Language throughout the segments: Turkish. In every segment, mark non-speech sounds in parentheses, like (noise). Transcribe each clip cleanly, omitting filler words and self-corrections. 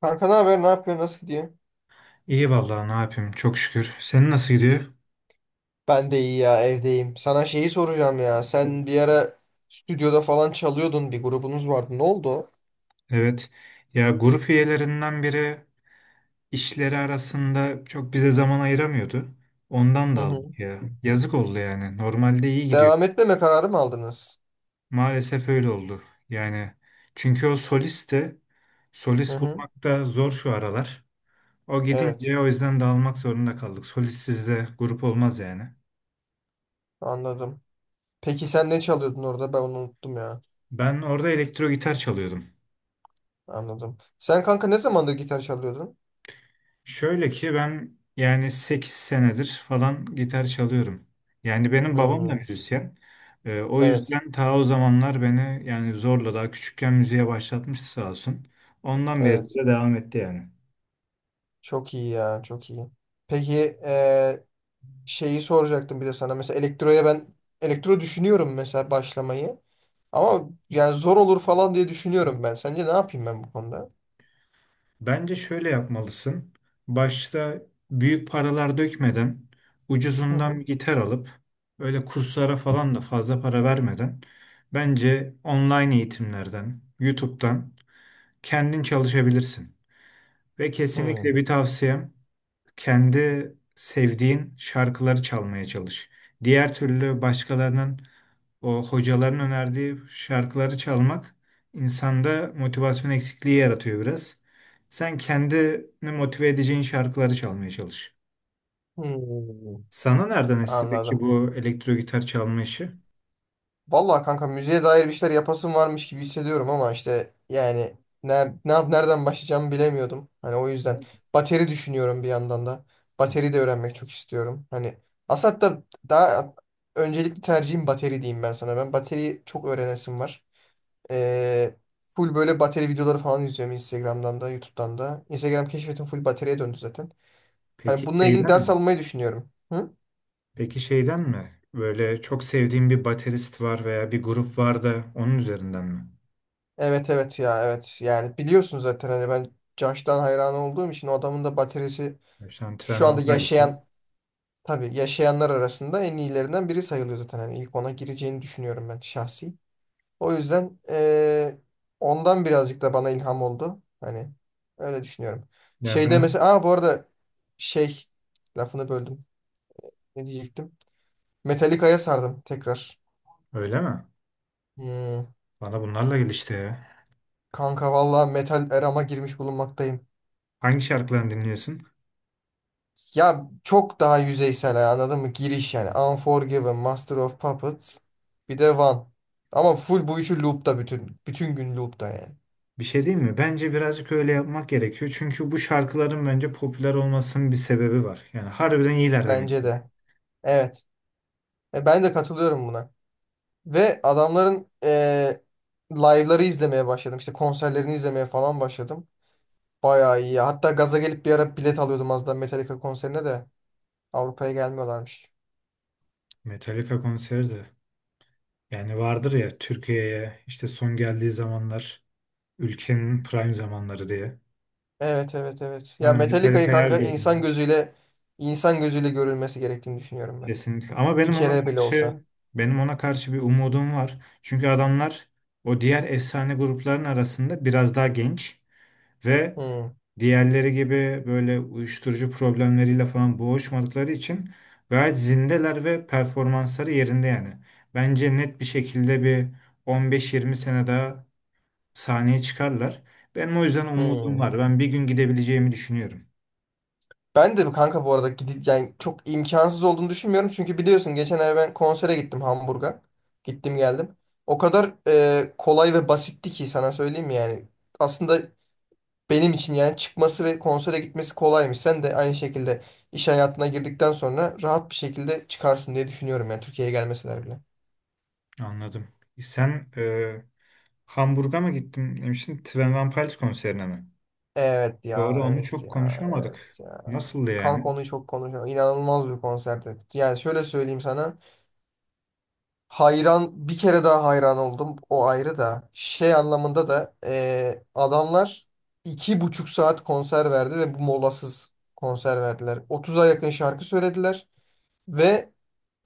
Kanka ne haber? Ne yapıyorsun? Nasıl gidiyor? İyi vallahi ne yapayım çok şükür. Senin nasıl gidiyor? Ben de iyi ya evdeyim. Sana şeyi soracağım ya. Sen bir ara stüdyoda falan çalıyordun. Bir grubunuz vardı. Ne oldu? O? Evet. Ya grup üyelerinden biri işleri arasında çok bize zaman ayıramıyordu. Ondan Hı da hı. aldık ya. Yazık oldu yani. Normalde iyi gidiyor. Devam etmeme kararı mı aldınız? Maalesef öyle oldu. Yani çünkü o solist de Hı solist hı. bulmak da zor şu aralar. O Evet. gidince o yüzden dağılmak zorunda kaldık. Solistsiz de grup olmaz yani. Anladım. Peki sen ne çalıyordun orada? Ben onu unuttum ya. Ben orada elektro gitar çalıyordum. Anladım. Sen kanka ne zamandır gitar çalıyordun? Şöyle ki ben yani 8 senedir falan gitar çalıyorum. Yani benim babam da Hmm. müzisyen. O Evet. yüzden ta o zamanlar beni yani zorla daha küçükken müziğe başlatmıştı sağ olsun. Ondan beri Evet. de devam etti yani. Çok iyi ya. Çok iyi. Peki eee, şeyi soracaktım bir de sana. Mesela elektro düşünüyorum mesela başlamayı. Ama yani zor olur falan diye düşünüyorum ben. Sence ne yapayım ben bu konuda? Bence şöyle yapmalısın. Başta büyük paralar dökmeden Hı ucuzundan hı. bir gitar alıp öyle kurslara falan da fazla para vermeden bence online eğitimlerden, YouTube'dan kendin çalışabilirsin. Ve kesinlikle Hı. bir tavsiyem kendi sevdiğin şarkıları çalmaya çalış. Diğer türlü başkalarının o hocaların önerdiği şarkıları çalmak insanda motivasyon eksikliği yaratıyor biraz. Sen kendini motive edeceğin şarkıları çalmaya çalış. Hı. Sana nereden esti peki Anladım. bu elektro gitar çalma işi? Vallahi kanka müziğe dair bir şeyler yapasım varmış gibi hissediyorum ama işte yani ner ne yap nereden başlayacağımı bilemiyordum. Hani o yüzden bateri düşünüyorum bir yandan da. Bateri de öğrenmek çok istiyorum. Hani aslında hatta daha öncelikli tercihim bateri diyeyim ben sana. Ben bateriyi çok öğrenesim var. Ee, full böyle bateri videoları falan izliyorum Instagram'dan da YouTube'dan da. Instagram keşfetim full bataryaya döndü zaten. Hani Peki bununla ilgili şeyden ders mi? almayı düşünüyorum. Hı? Peki şeyden mi? Böyle çok sevdiğin bir baterist var veya bir grup var da onun üzerinden mi? Evet evet ya evet. Yani biliyorsun zaten hani ben Josh'tan hayran olduğum için o adamın da bataryası Mesela Twenty şu anda One Pilots'ı. yaşayan tabii yaşayanlar arasında en iyilerinden biri sayılıyor zaten. Hani ilk ona gireceğini düşünüyorum ben şahsi. O yüzden ondan birazcık da bana ilham oldu. Hani öyle düşünüyorum. Ya Şeyde ben mesela bu arada şey lafını böldüm. Ne diyecektim? Metallica'ya sardım tekrar. öyle mi? Hmm. Bana bunlarla gelişti ya. Kanka valla metal erama girmiş bulunmaktayım. Hangi şarkılarını dinliyorsun? Ya çok daha yüzeysel ya, anladın mı? Giriş yani. Unforgiven, Master of Puppets, bir de One. Ama full bu üçü loop'ta Bütün gün loop'ta yani. Bir şey değil mi? Bence birazcık öyle yapmak gerekiyor. Çünkü bu şarkıların bence popüler olmasının bir sebebi var. Yani harbiden iyiler demek Bence ki. de. Evet. Ben de katılıyorum buna. Ve adamların live'ları izlemeye başladım. İşte konserlerini izlemeye falan başladım. Bayağı iyi ya. Hatta gaza gelip bir ara bilet alıyordum az daha Metallica konserine de. Avrupa'ya gelmiyorlarmış. Metallica konseri de. Yani vardır ya Türkiye'ye işte son geldiği zamanlar ülkenin prime zamanları diye. Evet evet evet. Ya Aynen Metallica'yı Metallica yer kanka insan görünüyor. gözüyle insan gözüyle görülmesi gerektiğini düşünüyorum ben. Kesinlikle. Ama Bir benim ona kere bile olsa. karşı benim ona karşı bir umudum var. Çünkü adamlar o diğer efsane grupların arasında biraz daha genç ve Hmm, diğerleri gibi böyle uyuşturucu problemleriyle falan boğuşmadıkları için gayet zindeler ve performansları yerinde yani. Bence net bir şekilde bir 15-20 sene daha sahneye çıkarlar. Benim o yüzden umudum hmm. var. Ben bir gün gidebileceğimi düşünüyorum. Ben de kanka bu arada gidip yani çok imkansız olduğunu düşünmüyorum. Çünkü biliyorsun geçen ay ben konsere gittim Hamburg'a. Gittim geldim. O kadar kolay ve basitti ki sana söyleyeyim mi yani. Aslında benim için yani çıkması ve konsere gitmesi kolaymış. Sen de aynı şekilde iş hayatına girdikten sonra rahat bir şekilde çıkarsın diye düşünüyorum yani Türkiye'ye gelmeseler bile. Anladım. Sen Hamburg'a mı gittin demiştin? Twenty One Pilots konserine mi? Evet ya, Doğru onu evet çok ya, konuşamadık. evet ya. Nasıldı Kanka yani? onu çok konuşuyor. İnanılmaz bir konserdi. Yani şöyle söyleyeyim sana. Hayran, bir kere daha hayran oldum. O ayrı da. Şey anlamında da adamlar 2,5 saat konser verdi ve bu molasız konser verdiler. 30'a yakın şarkı söylediler ve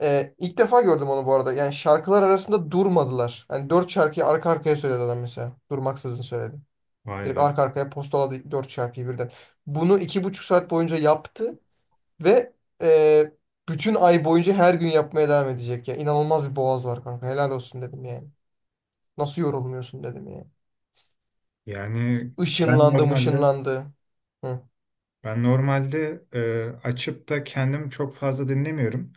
ilk defa gördüm onu bu arada. Yani şarkılar arasında durmadılar. Yani dört şarkıyı arka arkaya söyledi adam mesela. Durmaksızın söyledi. Vay Direkt be. arka arkaya postaladı 4 şarkıyı birden. Bunu 2,5 saat boyunca yaptı ve e, bütün ay boyunca her gün yapmaya devam edecek ya. İnanılmaz bir boğaz var kanka. Helal olsun dedim yani. Nasıl yorulmuyorsun dedim yani. Yani ben Işınlandı normalde mışınlandı. Hı Ben normalde e, açıp da kendim çok fazla dinlemiyorum.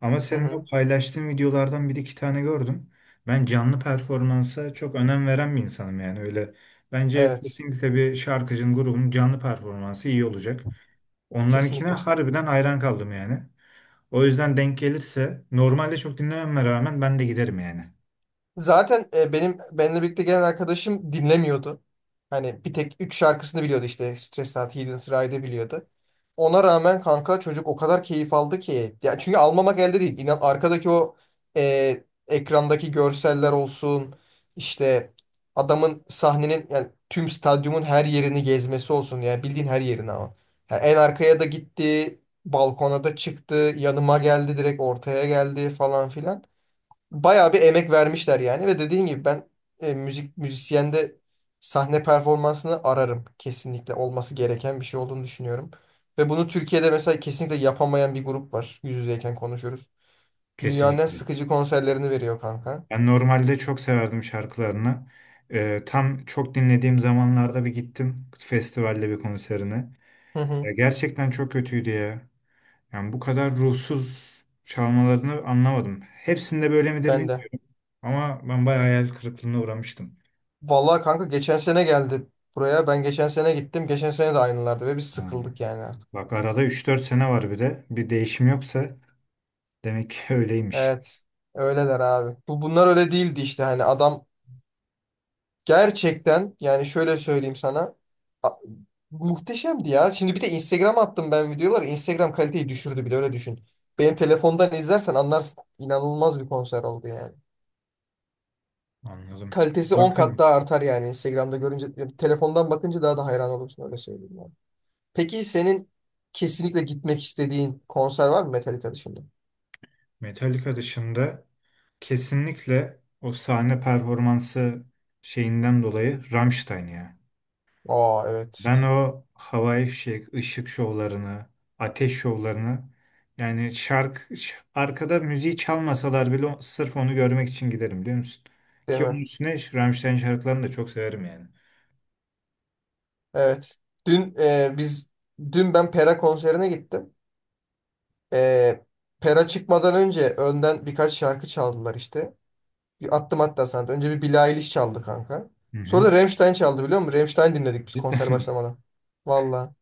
Ama hı. senin o Hı. paylaştığın videolardan bir iki tane gördüm. Ben canlı performansa çok önem veren bir insanım yani öyle. Bence Evet. kesinlikle bir şarkıcının grubun canlı performansı iyi olacak. Onlarınkine Kesinlikle. harbiden hayran kaldım yani. O yüzden denk gelirse normalde çok dinlememe rağmen ben de giderim yani. Zaten benim benimle birlikte gelen arkadaşım dinlemiyordu. Hani bir tek 3 şarkısını biliyordu işte. Stressed Out, Hidden Ride'ı biliyordu. Ona rağmen kanka çocuk o kadar keyif aldı ki. Ya çünkü almamak elde değil. İnan arkadaki o ekrandaki görseller olsun. İşte adamın sahnenin yani tüm stadyumun her yerini gezmesi olsun. Yani bildiğin her yerini ama. Yani en arkaya da gitti. Balkona da çıktı. Yanıma geldi direkt ortaya geldi falan filan bayağı bir emek vermişler yani ve dediğin gibi ben e, müzik müzisyende sahne performansını ararım. Kesinlikle olması gereken bir şey olduğunu düşünüyorum. Ve bunu Türkiye'de mesela kesinlikle yapamayan bir grup var. Yüz yüzeyken konuşuyoruz. Dünyanın en Kesinlikle. sıkıcı konserlerini veriyor kanka. Ben normalde çok severdim şarkılarını. Tam çok dinlediğim zamanlarda bir gittim festivalde bir konserine. Hı hı, Ya gerçekten çok kötüydü ya. Yani bu kadar ruhsuz çalmalarını anlamadım. Hepsinde böyle midir ben de. bilmiyorum ama ben bayağı hayal kırıklığına uğramıştım. Vallahi kanka geçen sene geldi buraya. Ben geçen sene gittim. Geçen sene de aynılardı ve biz Ha. sıkıldık yani artık. Bak arada 3-4 sene var bir de. Bir değişim yoksa demek ki (laughs) öyleymiş. Evet. Öyleler abi. Bunlar öyle değildi işte hani adam gerçekten yani şöyle söyleyeyim sana. a- Muhteşemdi ya. Şimdi bir de Instagram attım ben videoları. Instagram kaliteyi düşürdü bile öyle düşün. Benim telefondan izlersen anlarsın. İnanılmaz bir konser oldu yani. Anladım. Kalitesi 10 kat Bakarım. daha artar yani Instagram'da görünce. Yani telefondan bakınca daha da hayran olursun öyle söyleyeyim yani. Peki senin kesinlikle gitmek istediğin konser var mı Metallica dışında? Metallica dışında kesinlikle o sahne performansı şeyinden dolayı Rammstein ya. Aa evet. Ben o havai fişek, ışık şovlarını, ateş şovlarını yani arkada müziği çalmasalar bile sırf onu görmek için giderim biliyor musun? Değil Ki mi? onun üstüne Rammstein şarkılarını da çok severim yani. Evet. Dün biz dün ben Pera konserine gittim. Ee, Pera çıkmadan önce önden birkaç şarkı çaldılar işte. Bir attım hatta sana da. Önce bir Billie Eilish çaldı kanka. Hı Sonra hı. da Rammstein çaldı biliyor musun? Rammstein dinledik biz Cidden konser mi? başlamadan. Valla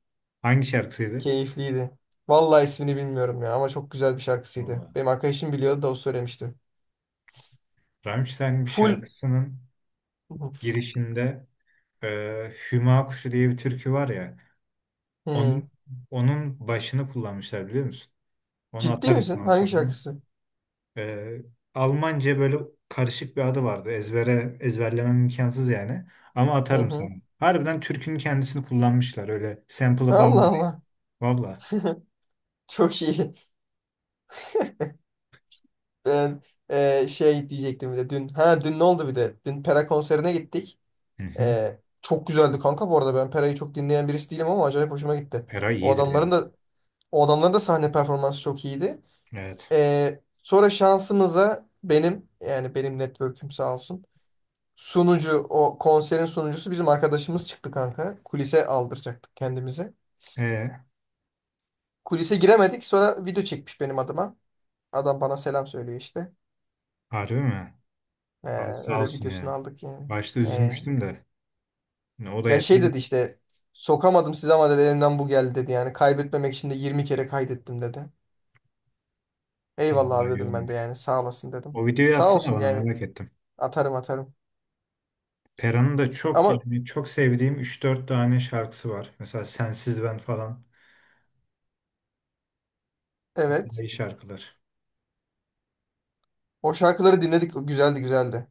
(laughs) Hangi şarkısıydı? keyifliydi. Valla ismini bilmiyorum ya ama çok güzel bir şarkısıydı. Vallahi. Benim arkadaşım biliyordu da o söylemişti. Rammstein bir Full... şarkısının girişinde e, Hüma Kuşu diye bir türkü var ya onun Hmm. onun başını kullanmışlar biliyor musun? Onu Ciddi atarım misin? sana Hangi sonra. şarkısı? Ee, Almanca böyle karışık bir adı vardı. Ezberlemem imkansız yani. Ama Hı atarım hı. sana. Harbiden türkünün kendisini kullanmışlar. Öyle sample'ı değil. Allah Valla. Allah. (laughs) Çok iyi. Ben şey diyecektim bir de dün. Ha dün ne oldu bir de? Dün Pera konserine gittik. Hı hı. Çok güzeldi kanka bu arada. Ben Pera'yı çok dinleyen birisi değilim ama acayip hoşuma gitti. Eray O iyidir adamların yani. da o adamların da sahne performansı çok iyiydi. Evet. Sonra şansımıza benim yani benim network'üm sağ olsun. Sunucu o konserin sunucusu bizim arkadaşımız çıktı kanka. Kulise aldıracaktık kendimizi. Ee, Kulise giremedik sonra video çekmiş benim adıma. Adam bana selam söylüyor işte. harbi mi? Ee, Abi sağ öyle olsun videosunu ya. aldık yani. Başta Ee, üzülmüştüm de. Ne? O da Ya şey yeter. dedi işte sokamadım size ama dedi elimden bu geldi dedi. Yani kaybetmemek için de 20 kere kaydettim dedi. Eyvallah abi Vallahi iyi dedim ben de olmuş. yani sağ olasın dedim. O videoyu Sağ atsana olsun bana yani merak ettim. atarım atarım. Pera'nın da çok Ama yani çok sevdiğim 3-4 tane şarkısı var. Mesela Sensiz Ben falan. evet İyi şarkılar. o şarkıları dinledik güzeldi güzeldi.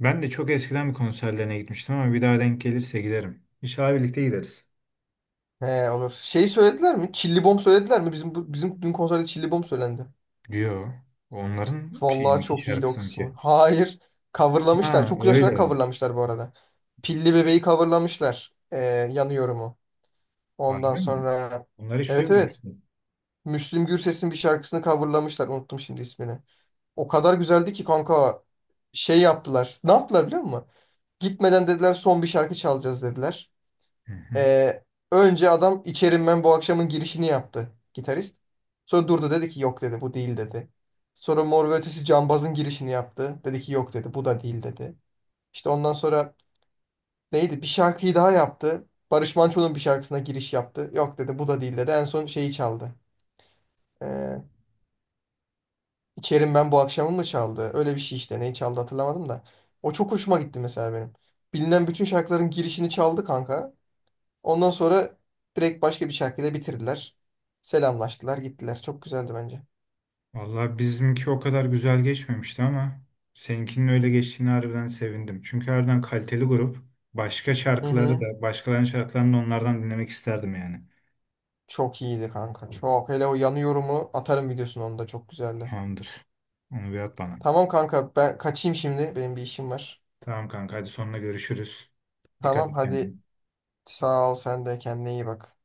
Ben de çok eskiden bir konserlerine gitmiştim ama bir daha denk gelirse giderim. İnşallah birlikte gideriz. He olur. Şey söylediler mi? Çilli Bom söylediler mi? Bizim bizim dün konserde Çilli Bom söylendi. Diyor. Onların şey Vallahi mi ki çok iyiydi o şarkısı mı kısmı. ki? Hayır. Coverlamışlar. Ha Çok güzel şeyler öyle. coverlamışlar bu arada. Pilli Bebeği coverlamışlar. Yanıyorum'u. Ondan Harbi mi? sonra Onları hiç evet evet. duymamıştım. Müslüm Gürses'in bir şarkısını coverlamışlar. Unuttum şimdi ismini. O kadar güzeldi ki kanka şey yaptılar. Ne yaptılar biliyor musun? Gitmeden dediler son bir şarkı çalacağız dediler. Hı hı. Ee, önce adam İçerim Ben bu akşamın girişini yaptı gitarist. Sonra durdu dedi ki yok dedi bu değil dedi. Sonra Mor ve Ötesi Cambaz'ın girişini yaptı. Dedi ki yok dedi bu da değil dedi. İşte ondan sonra neydi bir şarkıyı daha yaptı. Barış Manço'nun bir şarkısına giriş yaptı. Yok dedi bu da değil dedi. En son şeyi çaldı. Ee, İçerim ben bu akşamı mı çaldı? Öyle bir şey işte. Neyi çaldı hatırlamadım da. O çok hoşuma gitti mesela benim. Bilinen bütün şarkıların girişini çaldı kanka. Ondan sonra direkt başka bir şarkıyla bitirdiler. Selamlaştılar, gittiler. Çok güzeldi bence. Vallahi bizimki o kadar güzel geçmemişti ama seninkinin öyle geçtiğini harbiden sevindim. Çünkü harbiden kaliteli grup. Başka Hı şarkıları hı. da, başkalarının şarkılarını da onlardan dinlemek isterdim yani. Çok iyiydi kanka. Çok. Hele o yanıyorumu atarım videosunu onu da çok güzeldi. Tamamdır. Onu bir at bana. Tamam kanka ben kaçayım şimdi. Benim bir işim var. Tamam kanka hadi sonuna görüşürüz. Dikkat Tamam et hadi kendine. sağ ol sen de kendine iyi bak.